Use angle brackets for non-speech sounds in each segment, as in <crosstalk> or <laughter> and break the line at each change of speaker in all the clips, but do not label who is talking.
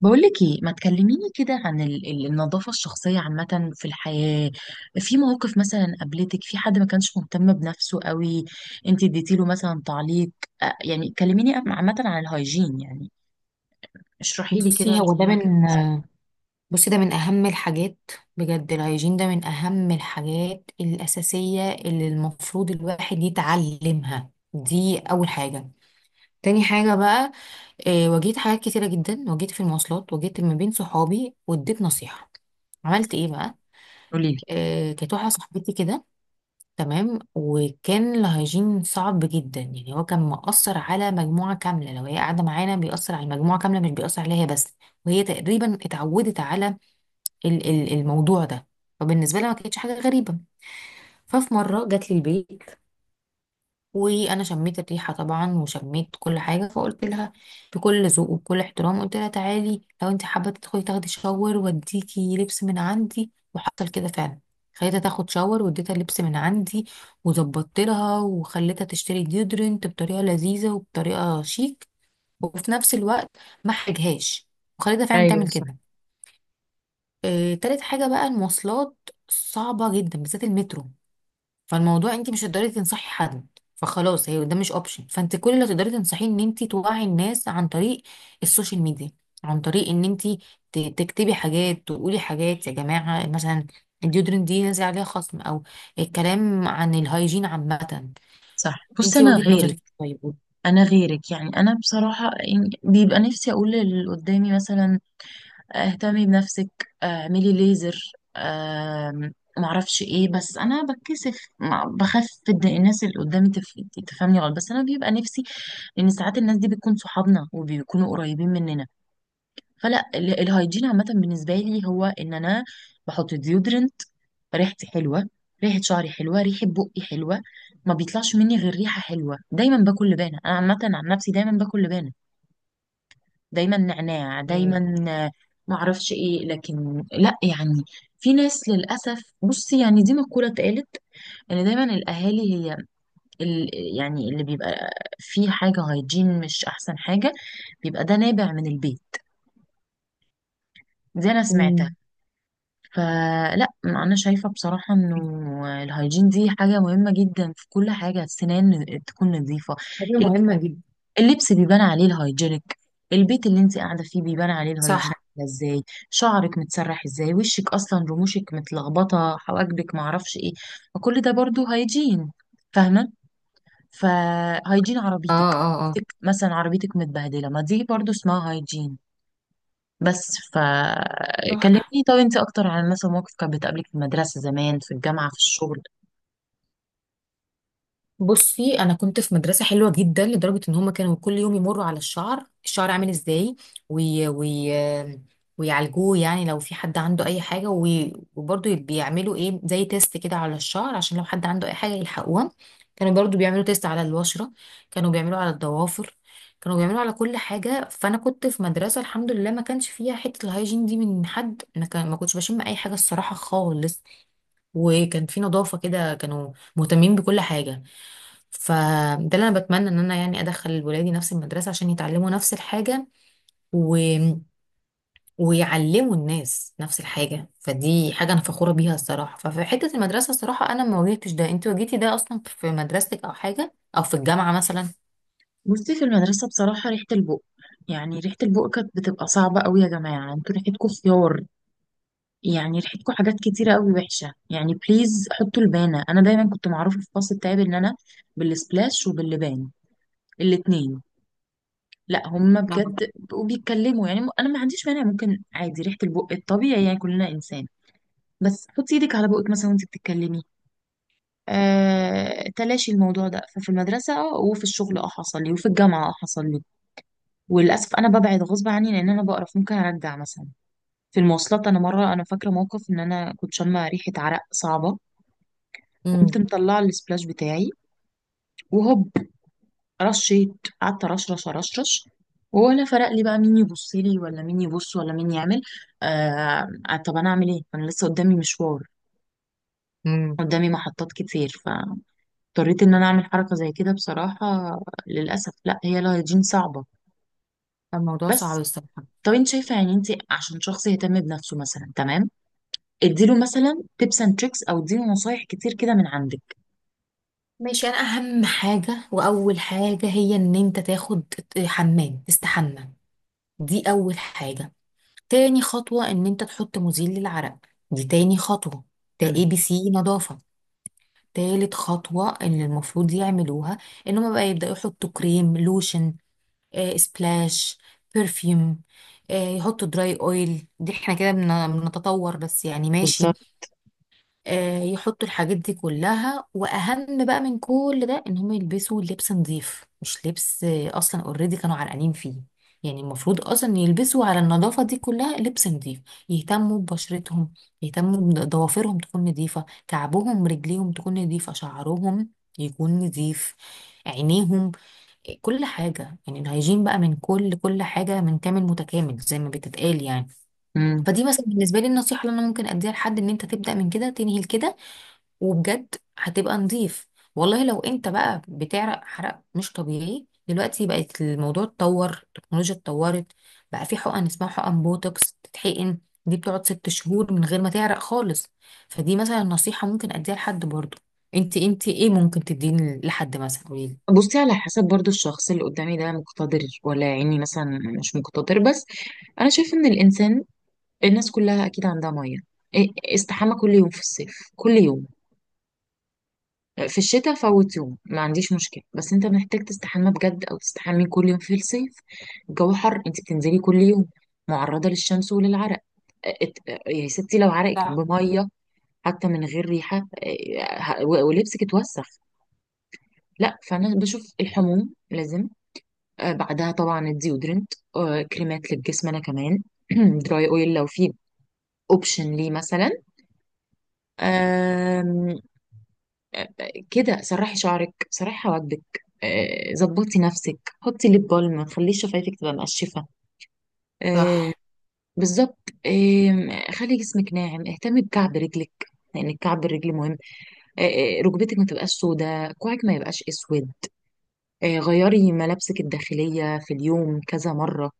بقولك ايه، ما تكلميني كده عن النظافة الشخصية عامة في الحياة؟ في مواقف مثلا قابلتك في، حد ما كانش مهتم بنفسه قوي؟ انت اديتيله مثلا تعليق؟ يعني كلميني عامة عن الهيجين يعني. اشرحي لي كده
بصي هو
انت
ده
من
من
وجهة نظرك.
بصي ده من أهم الحاجات. بجد الهيجين ده من أهم الحاجات الأساسية اللي المفروض الواحد يتعلمها، دي أول حاجة. تاني حاجة بقى، واجهت حاجات كتيرة جدا، واجهت في المواصلات، واجهت ما بين صحابي واديت نصيحة. عملت ايه بقى؟
قولي لي.
كانت واحدة صاحبتي كده، تمام، وكان الهيجين صعب جدا، يعني هو كان مأثر على مجموعة كاملة، لو هي قاعدة معانا بيأثر على المجموعة كاملة، مش بيأثر عليها هي بس. وهي تقريبا اتعودت على الموضوع ده، فبالنسبة لها ما كانتش حاجة غريبة. ففي مرة جات لي البيت، وأنا شميت الريحة طبعا وشميت كل حاجة، فقلت لها بكل ذوق وبكل احترام، قلت لها تعالي لو انت حابة تدخلي تاخدي شاور واديكي لبس من عندي. وحصل كده فعلا، خليتها تاخد شاور واديتها لبس من عندي وظبطت لها، وخليتها تشتري ديودرنت بطريقة لذيذة وبطريقة شيك، وفي نفس الوقت ما حرجهاش، وخليتها فعلا
ايوه،
تعمل
صح،
كده. تالت حاجة بقى المواصلات، صعبة جدا بالذات المترو. فالموضوع انت مش هتقدري تنصحي حد، فخلاص هي ده مش اوبشن، فانت كل اللي تقدري تنصحيه ان انت توعي الناس عن طريق السوشيال ميديا، عن طريق ان انت تكتبي حاجات، تقولي حاجات، يا جماعة مثلا الديودرنت دي نازل عليها خصم، او الكلام عن الهايجين عامة.
صح. بصي
انت
انا
وجهة
غيرك.
نظرك طيب؟
انا غيرك يعني، انا بصراحة يعني بيبقى نفسي اقول اللي قدامي مثلا، اهتمي بنفسك، اعملي ليزر. معرفش ايه، بس انا بتكسف، بخاف إن الناس اللي قدامي تفهمني غلط، بس انا بيبقى نفسي. لان ساعات الناس دي بتكون صحابنا وبيكونوا قريبين مننا. فلا، الهيجين عامة بالنسبة لي هو ان انا بحط ديودرنت، ريحتي حلوة، ريحة شعري حلوة، ريحة بقي حلوة. ما بيطلعش مني غير ريحة حلوة. دايما باكل لبانة، انا عامة عن نفسي دايما باكل لبانة، دايما نعناع
مم.
دايما. معرفش ايه، لكن لا يعني. في ناس للأسف، بصي يعني دي مقولة اتقالت، ان دايما الاهالي هي ال يعني اللي بيبقى فيه حاجه هايجين مش احسن حاجه، بيبقى ده نابع من البيت. دي انا سمعتها.
مم.
فلا انا شايفه بصراحه انه الهايجين دي حاجه مهمه جدا في كل حاجه. السنان تكون نظيفه،
حاجة مهمة جدا.
اللبس بيبان عليه الهايجينك، البيت اللي انت قاعده فيه بيبان عليه الهايجين،
صح.
عامله ازاي، شعرك متسرح ازاي، وشك اصلا، رموشك متلخبطه، حواجبك، معرفش ايه. وكل ده برضو هايجين، فاهمه؟ فهايجين
اه،
عربيتك
اه،
عربيتك مثلا، عربيتك متبهدله، ما دي برضو اسمها هايجين. بس
اه.
فكلمني، طب انت اكتر عن مثلا موقف كان بتقابلك في المدرسه زمان، في الجامعه، في الشغل.
بصي انا كنت في مدرسه حلوه جدا، لدرجه ان هم كانوا كل يوم يمروا على الشعر، الشعر عامل ازاي، وي وي ويعالجوه، يعني لو في حد عنده اي حاجه وبرضه بيعملوا ايه زي تيست كده على الشعر عشان لو حد عنده اي حاجه يلحقوها. كانوا برضه بيعملوا تيست على البشره، كانوا بيعملوا على الضوافر، كانوا بيعملوا على كل حاجه. فانا كنت في مدرسه الحمد لله ما كانش فيها حته الهايجين دي من حد، ما كان ما كنتش بشم اي حاجه الصراحه خالص، وكان في نظافه كده، كانوا مهتمين بكل حاجه. فده اللي انا بتمنى ان انا يعني ادخل ولادي نفس المدرسه عشان يتعلموا نفس الحاجه و... ويعلموا الناس نفس الحاجه، فدي حاجه انا فخوره بيها الصراحه. ففي حته المدرسه الصراحه انا ما واجهتش ده، انت واجهتي ده اصلا في مدرستك او حاجه، او في الجامعه مثلا؟
بصي في المدرسه بصراحه ريحه البق، يعني ريحه البق كانت بتبقى صعبه قوي. يا جماعه انتوا ريحتكم خيار، يعني ريحتكم حاجات كتيرة قوي وحشة، يعني بليز حطوا لبانة. أنا دايما كنت معروفة في الفصل بتاعي بإن أنا بالسبلاش وباللبان الاتنين. لا هما
نعم.
بجد بقوا بيتكلموا يعني، أنا ما عنديش مانع، ممكن عادي ريحة البق الطبيعي، يعني كلنا إنسان، بس حطي إيدك على بقك مثلا وأنت بتتكلمي. تلاشي الموضوع ده. ففي المدرسة وفي الشغل حصل لي، وفي الجامعة حصل لي. وللأسف أنا ببعد غصب عني لأن أنا بقرف، ممكن أرجع مثلا. في المواصلات أنا مرة، أنا فاكرة موقف إن أنا كنت شامة ريحة عرق صعبة، وقمت
امم.
مطلعه السبلاش بتاعي، وهوب، رشيت، قعدت رشرش رشرش، ولا فرق لي بقى مين يبص لي ولا مين يبص ولا مين يعمل. طب انا اعمل ايه؟ انا لسه قدامي مشوار،
امم.
قدامي محطات كتير، فاضطريت ان انا اعمل حركه زي كده بصراحه. للاسف، لا، هي الهيجين صعبه.
الموضوع صعب
بس
الصراحه.
طب انت شايفه يعني انت عشان شخص يهتم بنفسه مثلا، تمام، اديله مثلا تيبس اند تريكس، او اديله نصايح كتير كده من عندك.
ماشي، انا اهم حاجه واول حاجه هي ان انت تاخد حمام، تستحمى، دي اول حاجه. تاني خطوة ان انت تحط مزيل للعرق، دي تاني خطوة، ده اي
امم.
بي سي نظافة. تالت خطوة ان المفروض يعملوها ان هما بقى يبدأوا يحطوا كريم لوشن، سبلاش، برفيوم، يحطوا دراي اويل، دي احنا كده بنتطور بس، يعني ماشي.
بالظبط.
يحطوا الحاجات دي كلها، واهم بقى من كل ده ان هم يلبسوا لبس نظيف، مش لبس اصلا اوريدي كانوا عرقانين فيه. يعني المفروض اصلا يلبسوا على النظافه دي كلها لبس نظيف، يهتموا ببشرتهم، يهتموا بضوافرهم تكون نظيفه، كعبهم رجليهم تكون نظيفه، شعرهم يكون نظيف، عينيهم، كل حاجه. يعني الهيجين بقى من كل حاجه، من كامل متكامل زي ما بتتقال يعني. فدي مثلا بالنسبه لي النصيحه اللي انا ممكن اديها لحد، ان انت تبدا من كده تنهي لكده وبجد هتبقى نظيف. والله لو انت بقى بتعرق حرق مش طبيعي، دلوقتي بقت الموضوع اتطور، التكنولوجيا اتطورت، بقى في حقن اسمها حقن بوتوكس تتحقن، دي بتقعد ست شهور من غير ما تعرق خالص، فدي مثلا نصيحة ممكن اديها لحد برضه. انت ايه ممكن تديني لحد مثلا، قوليلي؟
بصي على حسب برضو الشخص اللي قدامي ده مقتدر ولا يعني مثلا مش مقتدر، بس انا شايف ان الانسان، الناس كلها اكيد عندها ميه. استحمى كل يوم في الصيف، كل يوم في الشتاء فوت يوم ما عنديش مشكله، بس انت محتاج تستحمى بجد، او تستحمي كل يوم في الصيف. الجو حر، انت بتنزلي كل يوم، معرضه للشمس وللعرق، ات- يا ستي لو عرقك
صح.
بميه حتى من غير ريحه، ولبسك اتوسخ. لا، فانا بشوف الحموم لازم. بعدها طبعا الديودرنت، كريمات للجسم، انا كمان <clears throat> دراي اويل لو في اوبشن ليه مثلا. آم، آه، كده سرحي شعرك، سرحي حواجبك، ظبطي نفسك، حطي ليب بالم، ما تخليش شفايفك تبقى مقشفه. آه،
صح.
بالظبط. خلي جسمك ناعم، اهتمي بكعب رجلك، لان الكعب الرجل مهم. آه، ركبتك ما تبقاش سوداء، كوعك ما يبقاش اسود. غيري ملابسك الداخليه في اليوم كذا مره.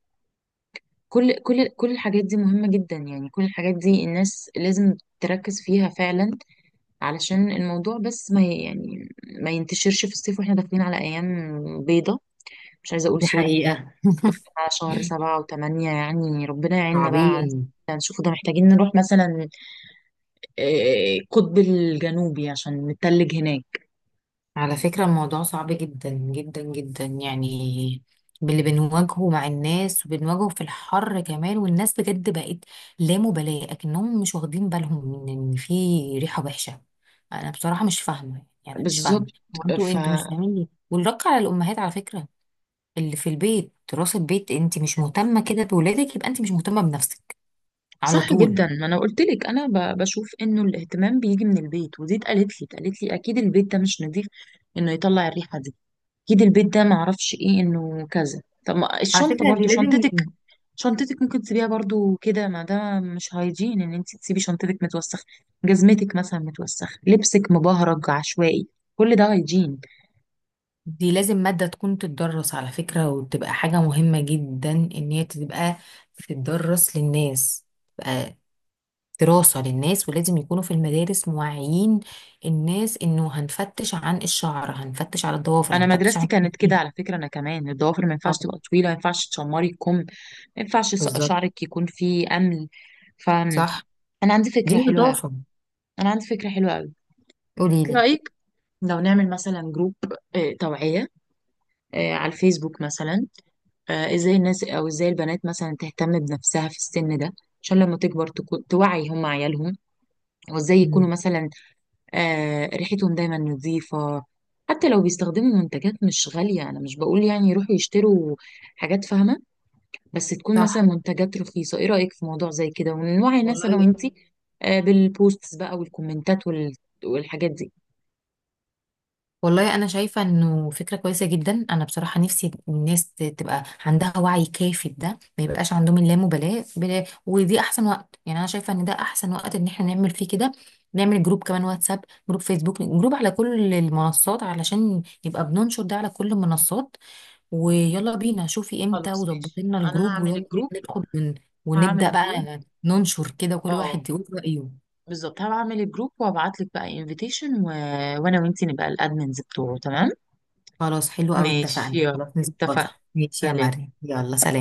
كل الحاجات دي مهمة جدا، يعني كل الحاجات دي الناس لازم تركز فيها فعلا، علشان الموضوع بس ما يعني ما ينتشرش في الصيف، واحنا داخلين على أيام بيضة، مش عايزة أقول
دي
سود،
حقيقة. <laughs>
على شهر 7 و8، يعني ربنا يعيننا بقى على،
عظيم.
ده نشوفه، ده محتاجين نروح مثلا القطب الجنوبي عشان نتلج هناك.
على فكرة الموضوع صعب جدا يعني، باللي بنواجهه مع الناس وبنواجهه في الحر كمان. والناس بجد بقت لا مبالاة، أكنهم مش واخدين بالهم من إن في ريحة وحشة. أنا بصراحة مش فاهمة، يعني أنا مش
بالظبط.
فاهمة، هو أنتوا مش
فصح
فاهمين ليه؟ والرق على الأمهات على فكرة، اللي في البيت دراسة بيت، أنت مش مهتمة كده بولادك يبقى أنت مش مهتمة بنفسك، على طول.
جدا. ما انا قلت لك، انا بشوف انه الاهتمام بيجي من البيت، ودي اتقالت لي، اكيد البيت ده مش نظيف انه يطلع الريحه دي، اكيد البيت ده معرفش ايه، انه كذا. طب ما
على
الشنطه،
فكرة
برضو شنطتك، شنطتك ممكن تسيبيها برضو كده، ما ده مش هايجين ان انت تسيبي شنطتك متوسخه، جزمتك مثلا متوسخه، لبسك مبهرج عشوائي، كل ده هايجين.
دي لازم مادة تكون تتدرس على فكرة، وتبقى حاجة مهمة جدا إن هي تبقى تتدرس للناس، تبقى دراسة للناس، ولازم يكونوا في المدارس موعيين الناس، إنه هنفتش عن الشعر، هنفتش على الضوافر،
انا
هنفتش
مدرستي
عن
كانت كده
إيه.
على فكره. انا كمان، الضوافر ما ينفعش
طبعا.
تبقى طويله، ما ينفعش تشمري الكم، ما ينفعش
بالظبط.
شعرك يكون فيه امل. ف انا
صح.
عندي فكره
دي
حلوه قوي.
نظافة.
انا عندي فكره حلوه قوي ايه
قوليلي.
رايك؟ لو نعمل مثلا جروب، توعيه، على الفيسبوك مثلا. ازاي الناس، او ازاي البنات مثلا تهتم بنفسها في السن ده عشان لما تكبر تكون توعي هم عيالهم، وازاي
مم.
يكونوا مثلا ريحتهم دايما نظيفة. حتى لو بيستخدموا منتجات مش غالية، انا مش بقول يعني يروحوا يشتروا حاجات، فاهمة؟ بس تكون مثلا
صح.
منتجات رخيصة. ايه رأيك في موضوع زي كده، ونوعي الناس انا
والله.
وانتي، بالبوستس بقى والكومنتات والحاجات دي.
والله انا شايفه انه فكره كويسه جدا، انا بصراحه نفسي الناس تبقى عندها وعي كافي بده، ما يبقاش عندهم اللامبالاه بلا، ودي احسن وقت يعني، انا شايفه ان ده احسن وقت ان احنا نعمل فيه كده. نعمل جروب كمان، واتساب جروب، فيسبوك جروب، على كل المنصات علشان يبقى بننشر ده على كل المنصات. ويلا بينا، شوفي امتى
خلاص
وظبطي
ماشي.
لنا
انا
الجروب،
هعمل
ويلا بينا
الجروب.
ندخل
هعمل
ونبدا
الجروب
بقى ننشر كده، كل
اه،
واحد يقول رايه.
بالظبط. هبعمل الجروب وابعت لك بقى انفيتيشن، وانا وانتي نبقى الادمنز بتوعه، تمام.
خلاص حلو قوي، اتفقنا،
ماشي، يلا.
خلاص
اتفقنا.
نظبطها. ماشي يا
سلام.
مريم، يلا سلام.